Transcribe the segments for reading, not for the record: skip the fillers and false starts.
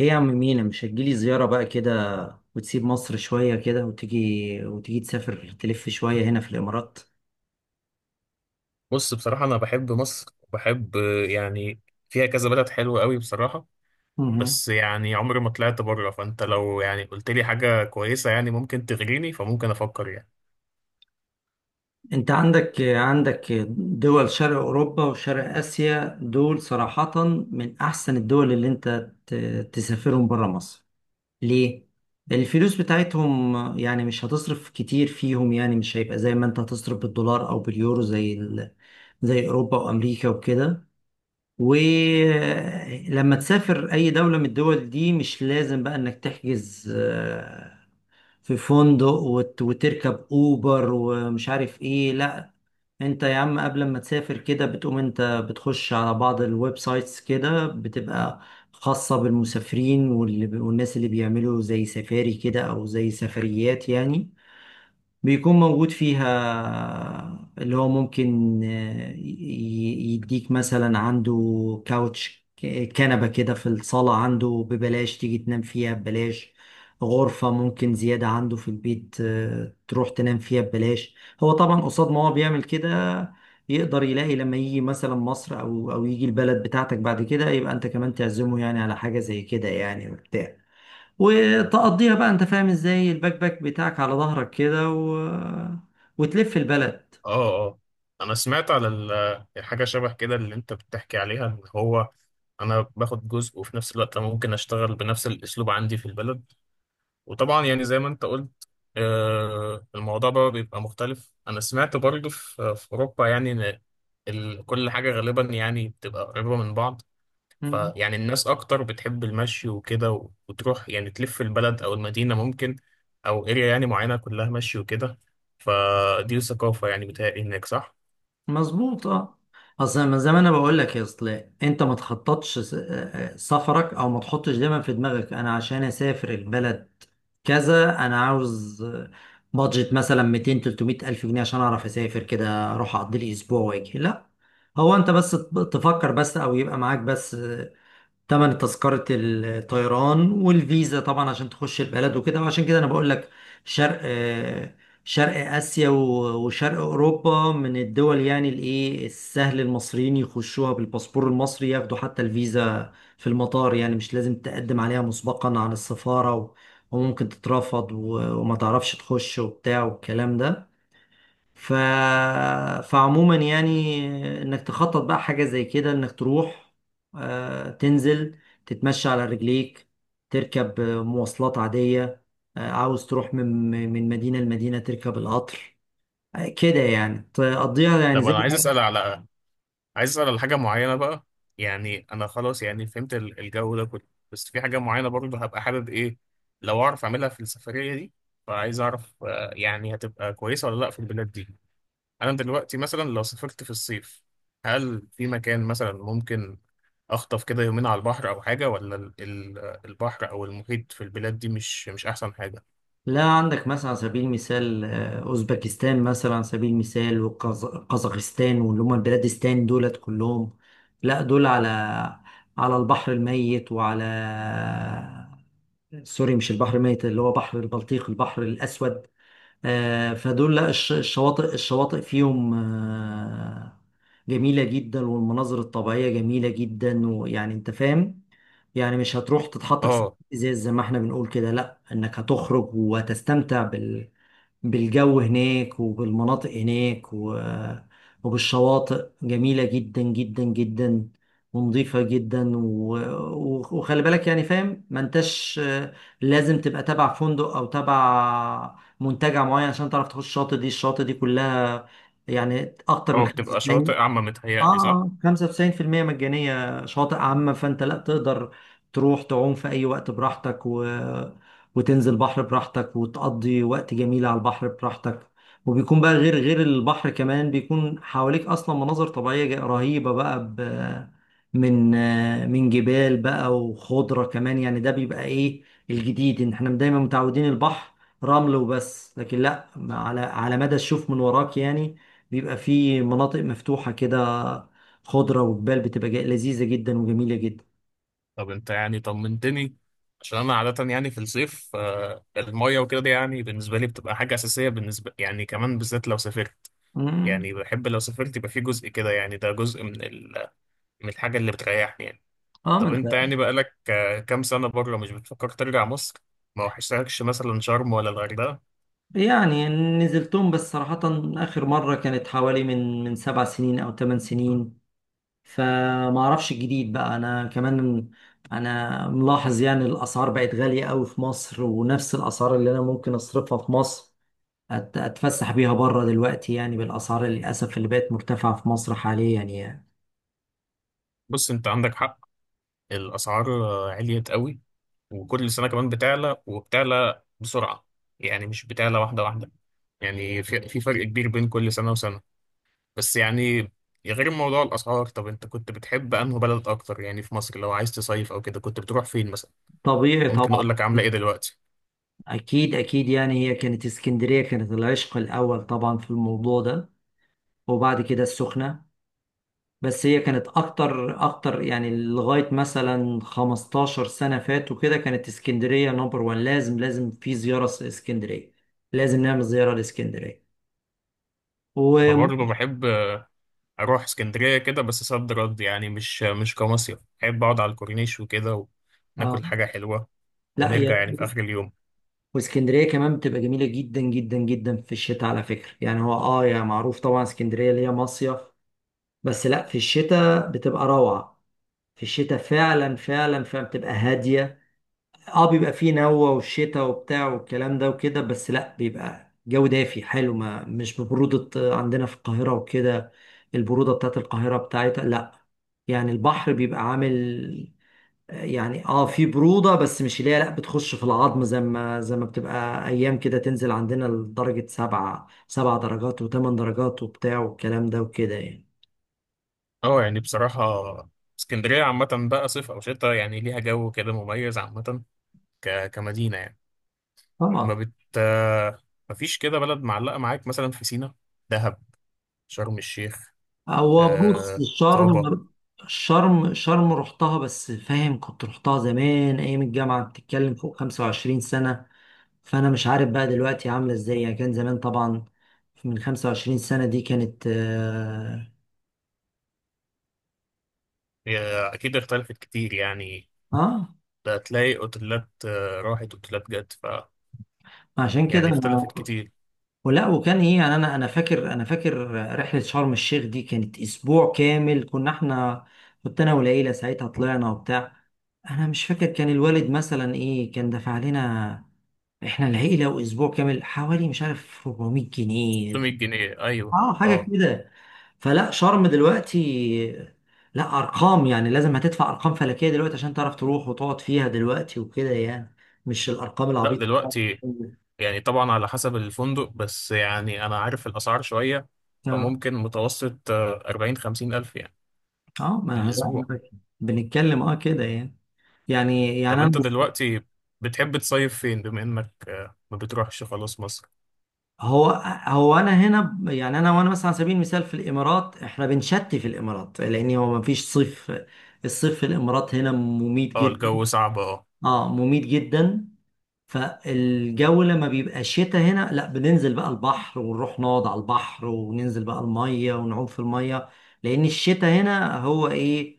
ايه يا عم مينا، مش هتجيلي زيارة بقى كده وتسيب مصر شوية كده وتيجي؟ تسافر تلف شوية هنا في الإمارات. بص، بصراحة أنا بحب مصر وبحب يعني فيها كذا بلد حلوة قوي بصراحة. مهم. بس يعني عمري ما طلعت بره، فأنت لو يعني قلت لي حاجة كويسة يعني ممكن تغريني، فممكن أفكر يعني. انت عندك دول شرق أوروبا وشرق آسيا، دول صراحة من أحسن الدول اللي انت تسافرهم برا مصر. ليه؟ الفلوس بتاعتهم يعني مش هتصرف كتير فيهم، يعني مش هيبقى زي ما انت هتصرف بالدولار أو باليورو، زي زي أوروبا وأمريكا وكده. ولما تسافر اي دولة من الدول دي مش لازم بقى انك تحجز، في فندق وتركب اوبر ومش عارف ايه، لا. انت يا عم قبل ما تسافر كده بتقوم انت بتخش على بعض الويب سايتس كده، بتبقى خاصة بالمسافرين واللي والناس اللي بيعملوا زي سفاري كده او زي سفريات يعني. بيكون موجود فيها اللي هو ممكن يديك مثلا عنده كاوتش، كنبة كده في الصالة عنده ببلاش، تيجي تنام فيها ببلاش. غرفة ممكن زيادة عنده في البيت، آه، تروح تنام فيها ببلاش. هو طبعا قصاد ما هو بيعمل كده يقدر يلاقي لما يجي مثلا مصر أو يجي البلد بتاعتك بعد كده، يبقى أنت كمان تعزمه يعني على حاجة زي كده، يعني وبتاع، وتقضيها بقى انت فاهم ازاي، الباك باك بتاعك على ظهرك كده وتلف البلد. آه، آه، أنا سمعت على الحاجة شبه كده اللي أنت بتحكي عليها، إن هو أنا باخد جزء وفي نفس الوقت أنا ممكن أشتغل بنفس الأسلوب عندي في البلد. وطبعا يعني زي ما انت قلت، الموضوع بقى بيبقى مختلف. انا سمعت برضه في اوروبا يعني ان كل حاجه غالبا يعني بتبقى قريبه من بعض. مم. فيعني الناس اكتر بتحب المشي وكده وتروح يعني تلف البلد او المدينه، ممكن او اريا يعني معينه كلها مشي وكده. فدي ثقافه يعني بتهيألي هناك، صح؟ مظبوط، اه. اصل من زمان انا بقول لك، يا اصل انت ما تخططش سفرك، او ما تحطش دايما في دماغك انا عشان اسافر البلد كذا انا عاوز، بادجت مثلا 200 300 الف جنيه عشان اعرف اسافر كده اروح اقضي لي اسبوع واجي، لا. هو انت بس تفكر، بس او يبقى معاك بس تمن تذكرة الطيران والفيزا طبعا عشان تخش البلد وكده. وعشان كده انا بقول لك شرق، شرق آسيا وشرق أوروبا من الدول يعني الايه، السهل المصريين يخشوها بالباسبور المصري، ياخدوا حتى الفيزا في المطار، يعني مش لازم تقدم عليها مسبقا عن السفارة وممكن تترفض وما تعرفش تخش وبتاع والكلام ده. ف... فعموما يعني انك تخطط بقى حاجة زي كده، انك تروح، آه، تنزل تتمشى على رجليك، تركب، آه، مواصلات عادية. آه، عاوز تروح من مدينة لمدينة تركب القطر، آه، كده يعني تقضيها يعني طب زي. انا عايز اسال على حاجه معينه بقى. يعني انا خلاص يعني فهمت الجو ده كله، بس في حاجه معينه برضه هبقى حابب ايه لو اعرف اعملها في السفريه دي. فعايز اعرف، يعني هتبقى كويسه ولا لا في البلاد دي؟ انا دلوقتي مثلا لو سافرت في الصيف، هل في مكان مثلا ممكن اخطف كده يومين على البحر او حاجه، ولا البحر او المحيط في البلاد دي مش احسن حاجه؟ لا عندك مثلا على سبيل المثال، آه، اوزبكستان مثلا على سبيل المثال وقزاقستان، واللي هم البلادستان دولت كلهم. لا دول على على البحر الميت وعلى، آه، سوري مش البحر الميت، اللي هو بحر البلطيق، البحر الاسود. آه، فدول لا الشواطئ فيهم، آه، جميلة جدا، والمناظر الطبيعية جميلة جدا، ويعني انت فاهم يعني، مش هتروح تتحط في سكة اه، ازاز زي ما احنا بنقول كده، لا، انك هتخرج وهتستمتع بالجو هناك وبالمناطق هناك وبالشواطئ جميلة جدا جدا جدا، ونظيفة جدا وخلي بالك يعني فاهم، ما انتش، آه، لازم تبقى تبع فندق او تبع منتجع معين عشان تعرف تخش الشاطئ دي، الشاطئ دي كلها يعني اكتر من اه، بتبقى شواطئ 95، عامه اه، متهيألي، صح؟ آه، 95% مجانية، شواطئ عامة. فانت لا تقدر تروح تعوم في اي وقت براحتك وتنزل بحر براحتك وتقضي وقت جميل على البحر براحتك. وبيكون بقى، غير البحر كمان، بيكون حواليك اصلا مناظر طبيعية رهيبة بقى، من، آه، من جبال بقى وخضرة كمان. يعني ده بيبقى ايه الجديد، ان احنا دايما متعودين البحر رمل وبس، لكن لا، على على مدى الشوف من وراك يعني بيبقى فيه مناطق مفتوحة كده، خضرة وجبال، بتبقى لذيذة جدا وجميلة جدا. طب انت يعني طمنتني، عشان انا عادة يعني في الصيف، المية وكده دي يعني بالنسبة لي بتبقى حاجة أساسية، بالنسبة يعني كمان بالذات لو سافرت. مم. يعني بحب لو سافرت يبقى في جزء كده، يعني ده جزء من الحاجة اللي بتريحني يعني. اه ما طب انت. انت يعني بقالك كام سنة بره، مش بتفكر ترجع مصر؟ ما وحشتكش مثلا شرم ولا الغردقة؟ يعني نزلتهم، بس صراحة آخر مرة كانت حوالي من سبع سنين أو ثمان سنين، فما أعرفش الجديد بقى. أنا كمان أنا ملاحظ يعني الأسعار بقت غالية أوي في مصر، ونفس الأسعار اللي أنا ممكن أصرفها في مصر أتفسح بيها بره دلوقتي يعني، بالأسعار للأسف اللي بقت مرتفعة في مصر حاليا يعني. بص، انت عندك حق. الأسعار عليت قوي، وكل سنة كمان بتعلى وبتعلى بسرعة. يعني مش بتعلى واحدة واحدة، يعني في فرق كبير بين كل سنة وسنة. بس يعني غير موضوع الأسعار، طب أنت كنت بتحب أنه بلد أكتر يعني في مصر؟ لو عايز تصيف أو كده، كنت بتروح فين مثلا؟ طبيعي ممكن طبعا. أقول لك عاملة إيه دلوقتي. أكيد أكيد. يعني هي كانت اسكندرية، كانت العشق الأول طبعا في الموضوع ده، وبعد كده السخنة. بس هي كانت أكتر أكتر يعني لغاية مثلا 15 سنة فاتوا كده، كانت اسكندرية نمبر وان، لازم لازم في زيارة، اسكندرية لازم نعمل زيارة لاسكندرية. و، أنا برضه بحب أروح اسكندرية كده، بس صد رد يعني، مش كمصيف. بحب أقعد على الكورنيش وكده آه، وناكل حاجة حلوة لا هي، ونرجع يعني في آخر اليوم. واسكندرية كمان بتبقى جميلة جدا جدا جدا في الشتاء على فكرة. يعني هو، آه، يعني معروف طبعا اسكندرية اللي هي مصيف، بس لا، في الشتاء بتبقى روعة. في الشتاء فعلا فعلا فعلا بتبقى هادية. اه بيبقى فيه نوة والشتاء وبتاع والكلام ده وكده، بس لا بيبقى جو دافي حلو، ما مش ببرودة عندنا في القاهرة وكده. البرودة بتاعت القاهرة بتاعتها لا يعني. البحر بيبقى عامل يعني اه، في برودة، بس مش اللي هي، لا، بتخش في العظم زي ما بتبقى ايام كده تنزل عندنا لدرجة سبعة، سبع درجات وثمان درجات وبتاع والكلام ده وكده يعني. أه، يعني بصراحة اسكندرية عامة بقى صيف أو شتاء، يعني ليها جو كده مميز عامة، كمدينة يعني. ما طبعا. بت مفيش كده بلد معلقة معاك، مثلا في سينا، دهب، شرم الشيخ، هو بص آه طابة؟ الشرم، شرم رحتها، بس فاهم كنت رحتها زمان ايام الجامعه، بتتكلم فوق 25 سنه. فانا مش عارف بقى دلوقتي عامله ازاي، يعني كان زمان طبعا من 25 سنه دي، كانت اه، هي أكيد اختلفت كتير يعني. آه، ده هتلاقي أوتيلات، راحت أوتيلات جت، عشان كده يعني انا، اختلفت كتير. ولا وكان ايه يعني. انا فاكر، انا فاكر رحله شرم الشيخ دي كانت اسبوع كامل، كنا احنا كنت انا والعيله ساعتها طلعنا وبتاع. انا مش فاكر كان الوالد مثلا ايه كان دفع لنا، احنا العيله واسبوع كامل، حوالي مش عارف 400 جنيه، 600 جنيه، أيوه، اه حاجه أه. كده. فلا شرم دلوقتي لا، ارقام يعني لازم هتدفع ارقام فلكيه دلوقتي عشان تعرف تروح وتقعد فيها دلوقتي وكده يعني، مش الارقام لا، العبيطه. دلوقتي يعني طبعا على حسب الفندق، بس يعني أنا عارف الأسعار شوية، فممكن متوسط، 40 50 ألف يعني اه ما هو الأسبوع. أنا بنتكلم اه كده يعني. يعني طب يعني انا، أنت دلوقتي بتحب تصيف فين، بما إنك ما بتروحش خلاص مصر؟ هو هو انا هنا، يعني انا، وانا مثلا على سبيل المثال في الامارات، احنا بنشتي في الامارات لان هو ما فيش صيف. الصيف في الامارات هنا مميت أه، جدا. الجو صعب، أه. اه مميت جدا. فالجو لما بيبقى شتاء هنا، لا، بننزل بقى البحر ونروح نقعد على البحر وننزل بقى المية ونعوم في المية، لأن الشتاء هنا هو إيه،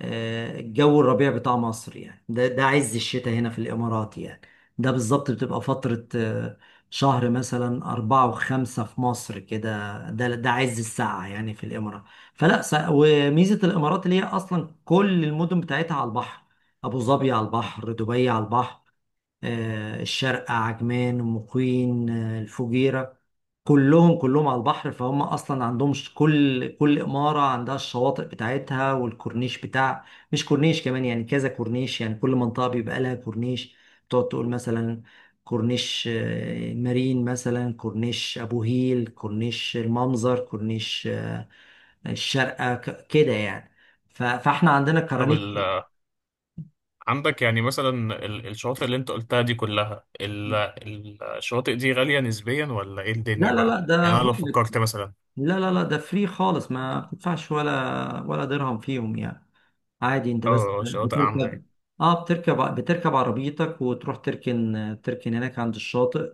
آه، الجو الربيع بتاع مصر، يعني ده عز الشتاء هنا في الإمارات يعني. ده بالظبط بتبقى فترة، آه، شهر مثلا أربعة وخمسة في مصر كده، ده عز الساعة يعني في الإمارات. وميزة الإمارات اللي هي أصلا كل المدن بتاعتها على البحر. أبو ظبي على البحر، دبي على البحر، آه، الشارقة، عجمان، مقيم، آه، الفجيرة، كلهم كلهم على البحر. فهم اصلا عندهم، كل اماره عندها الشواطئ بتاعتها والكورنيش بتاع، مش كورنيش كمان يعني، كذا كورنيش يعني، كل منطقه بيبقى لها كورنيش. تقعد تقول مثلا كورنيش، آه، مارين مثلا، كورنيش ابو هيل، كورنيش المنظر، كورنيش، آه، الشارقه، كده يعني. فاحنا عندنا طب كرانيش. عندك يعني مثلا الشواطئ اللي انت قلتها دي كلها، الشواطئ دي غالية نسبيا ولا ايه لا الدنيا لا لا، بقى ده يعني؟ انا لو بحر، فكرت مثلا، لا لا لا، ده فري خالص، ما بتدفعش ولا درهم فيهم يعني. عادي، انت بس اه، شواطئ عامة بتركب، يعني. اه، بتركب عربيتك وتروح تركن، هناك عند الشاطئ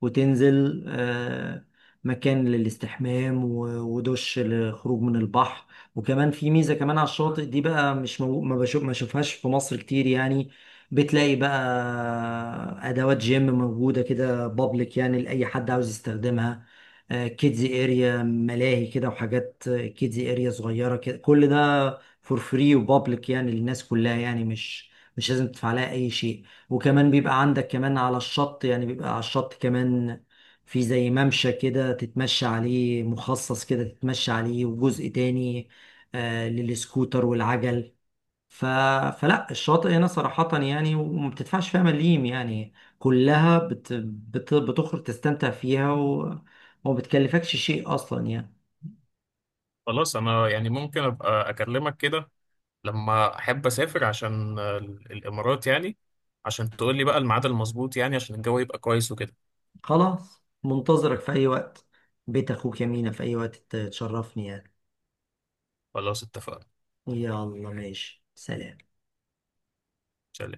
وتنزل، آه، مكان للاستحمام ودش للخروج من البحر. وكمان في ميزة كمان على الشاطئ دي بقى، مش ما بشوف، ما بشوفهاش في مصر كتير يعني. بتلاقي بقى أدوات جيم موجودة كده، بابليك يعني لأي حد عاوز يستخدمها، كيدزي اريا، ملاهي كده وحاجات كيدزي اريا صغيرة كده، كل ده فور فري وبابليك يعني للناس كلها يعني، مش لازم تدفع لها أي شيء. وكمان بيبقى عندك كمان على الشط، يعني بيبقى على الشط كمان في زي ممشى كده تتمشى عليه، مخصص كده تتمشى عليه، وجزء تاني، آه، للسكوتر والعجل. ف... فلا الشاطئ هنا صراحة يعني، وما بتدفعش فيها مليم يعني، كلها بتخرج تستمتع فيها وما بتكلفكش شيء أصلا يعني. خلاص، انا يعني ممكن ابقى اكلمك كده لما احب اسافر، عشان الامارات يعني، عشان تقول لي بقى الميعاد المظبوط يعني، عشان الجو يبقى كويس وكده. خلاص، منتظرك في أي وقت، بيت أخوك يمينة، في أي وقت تشرفني يعني. خلاص، اتفقنا. يلا ماشي، سلام. سلام.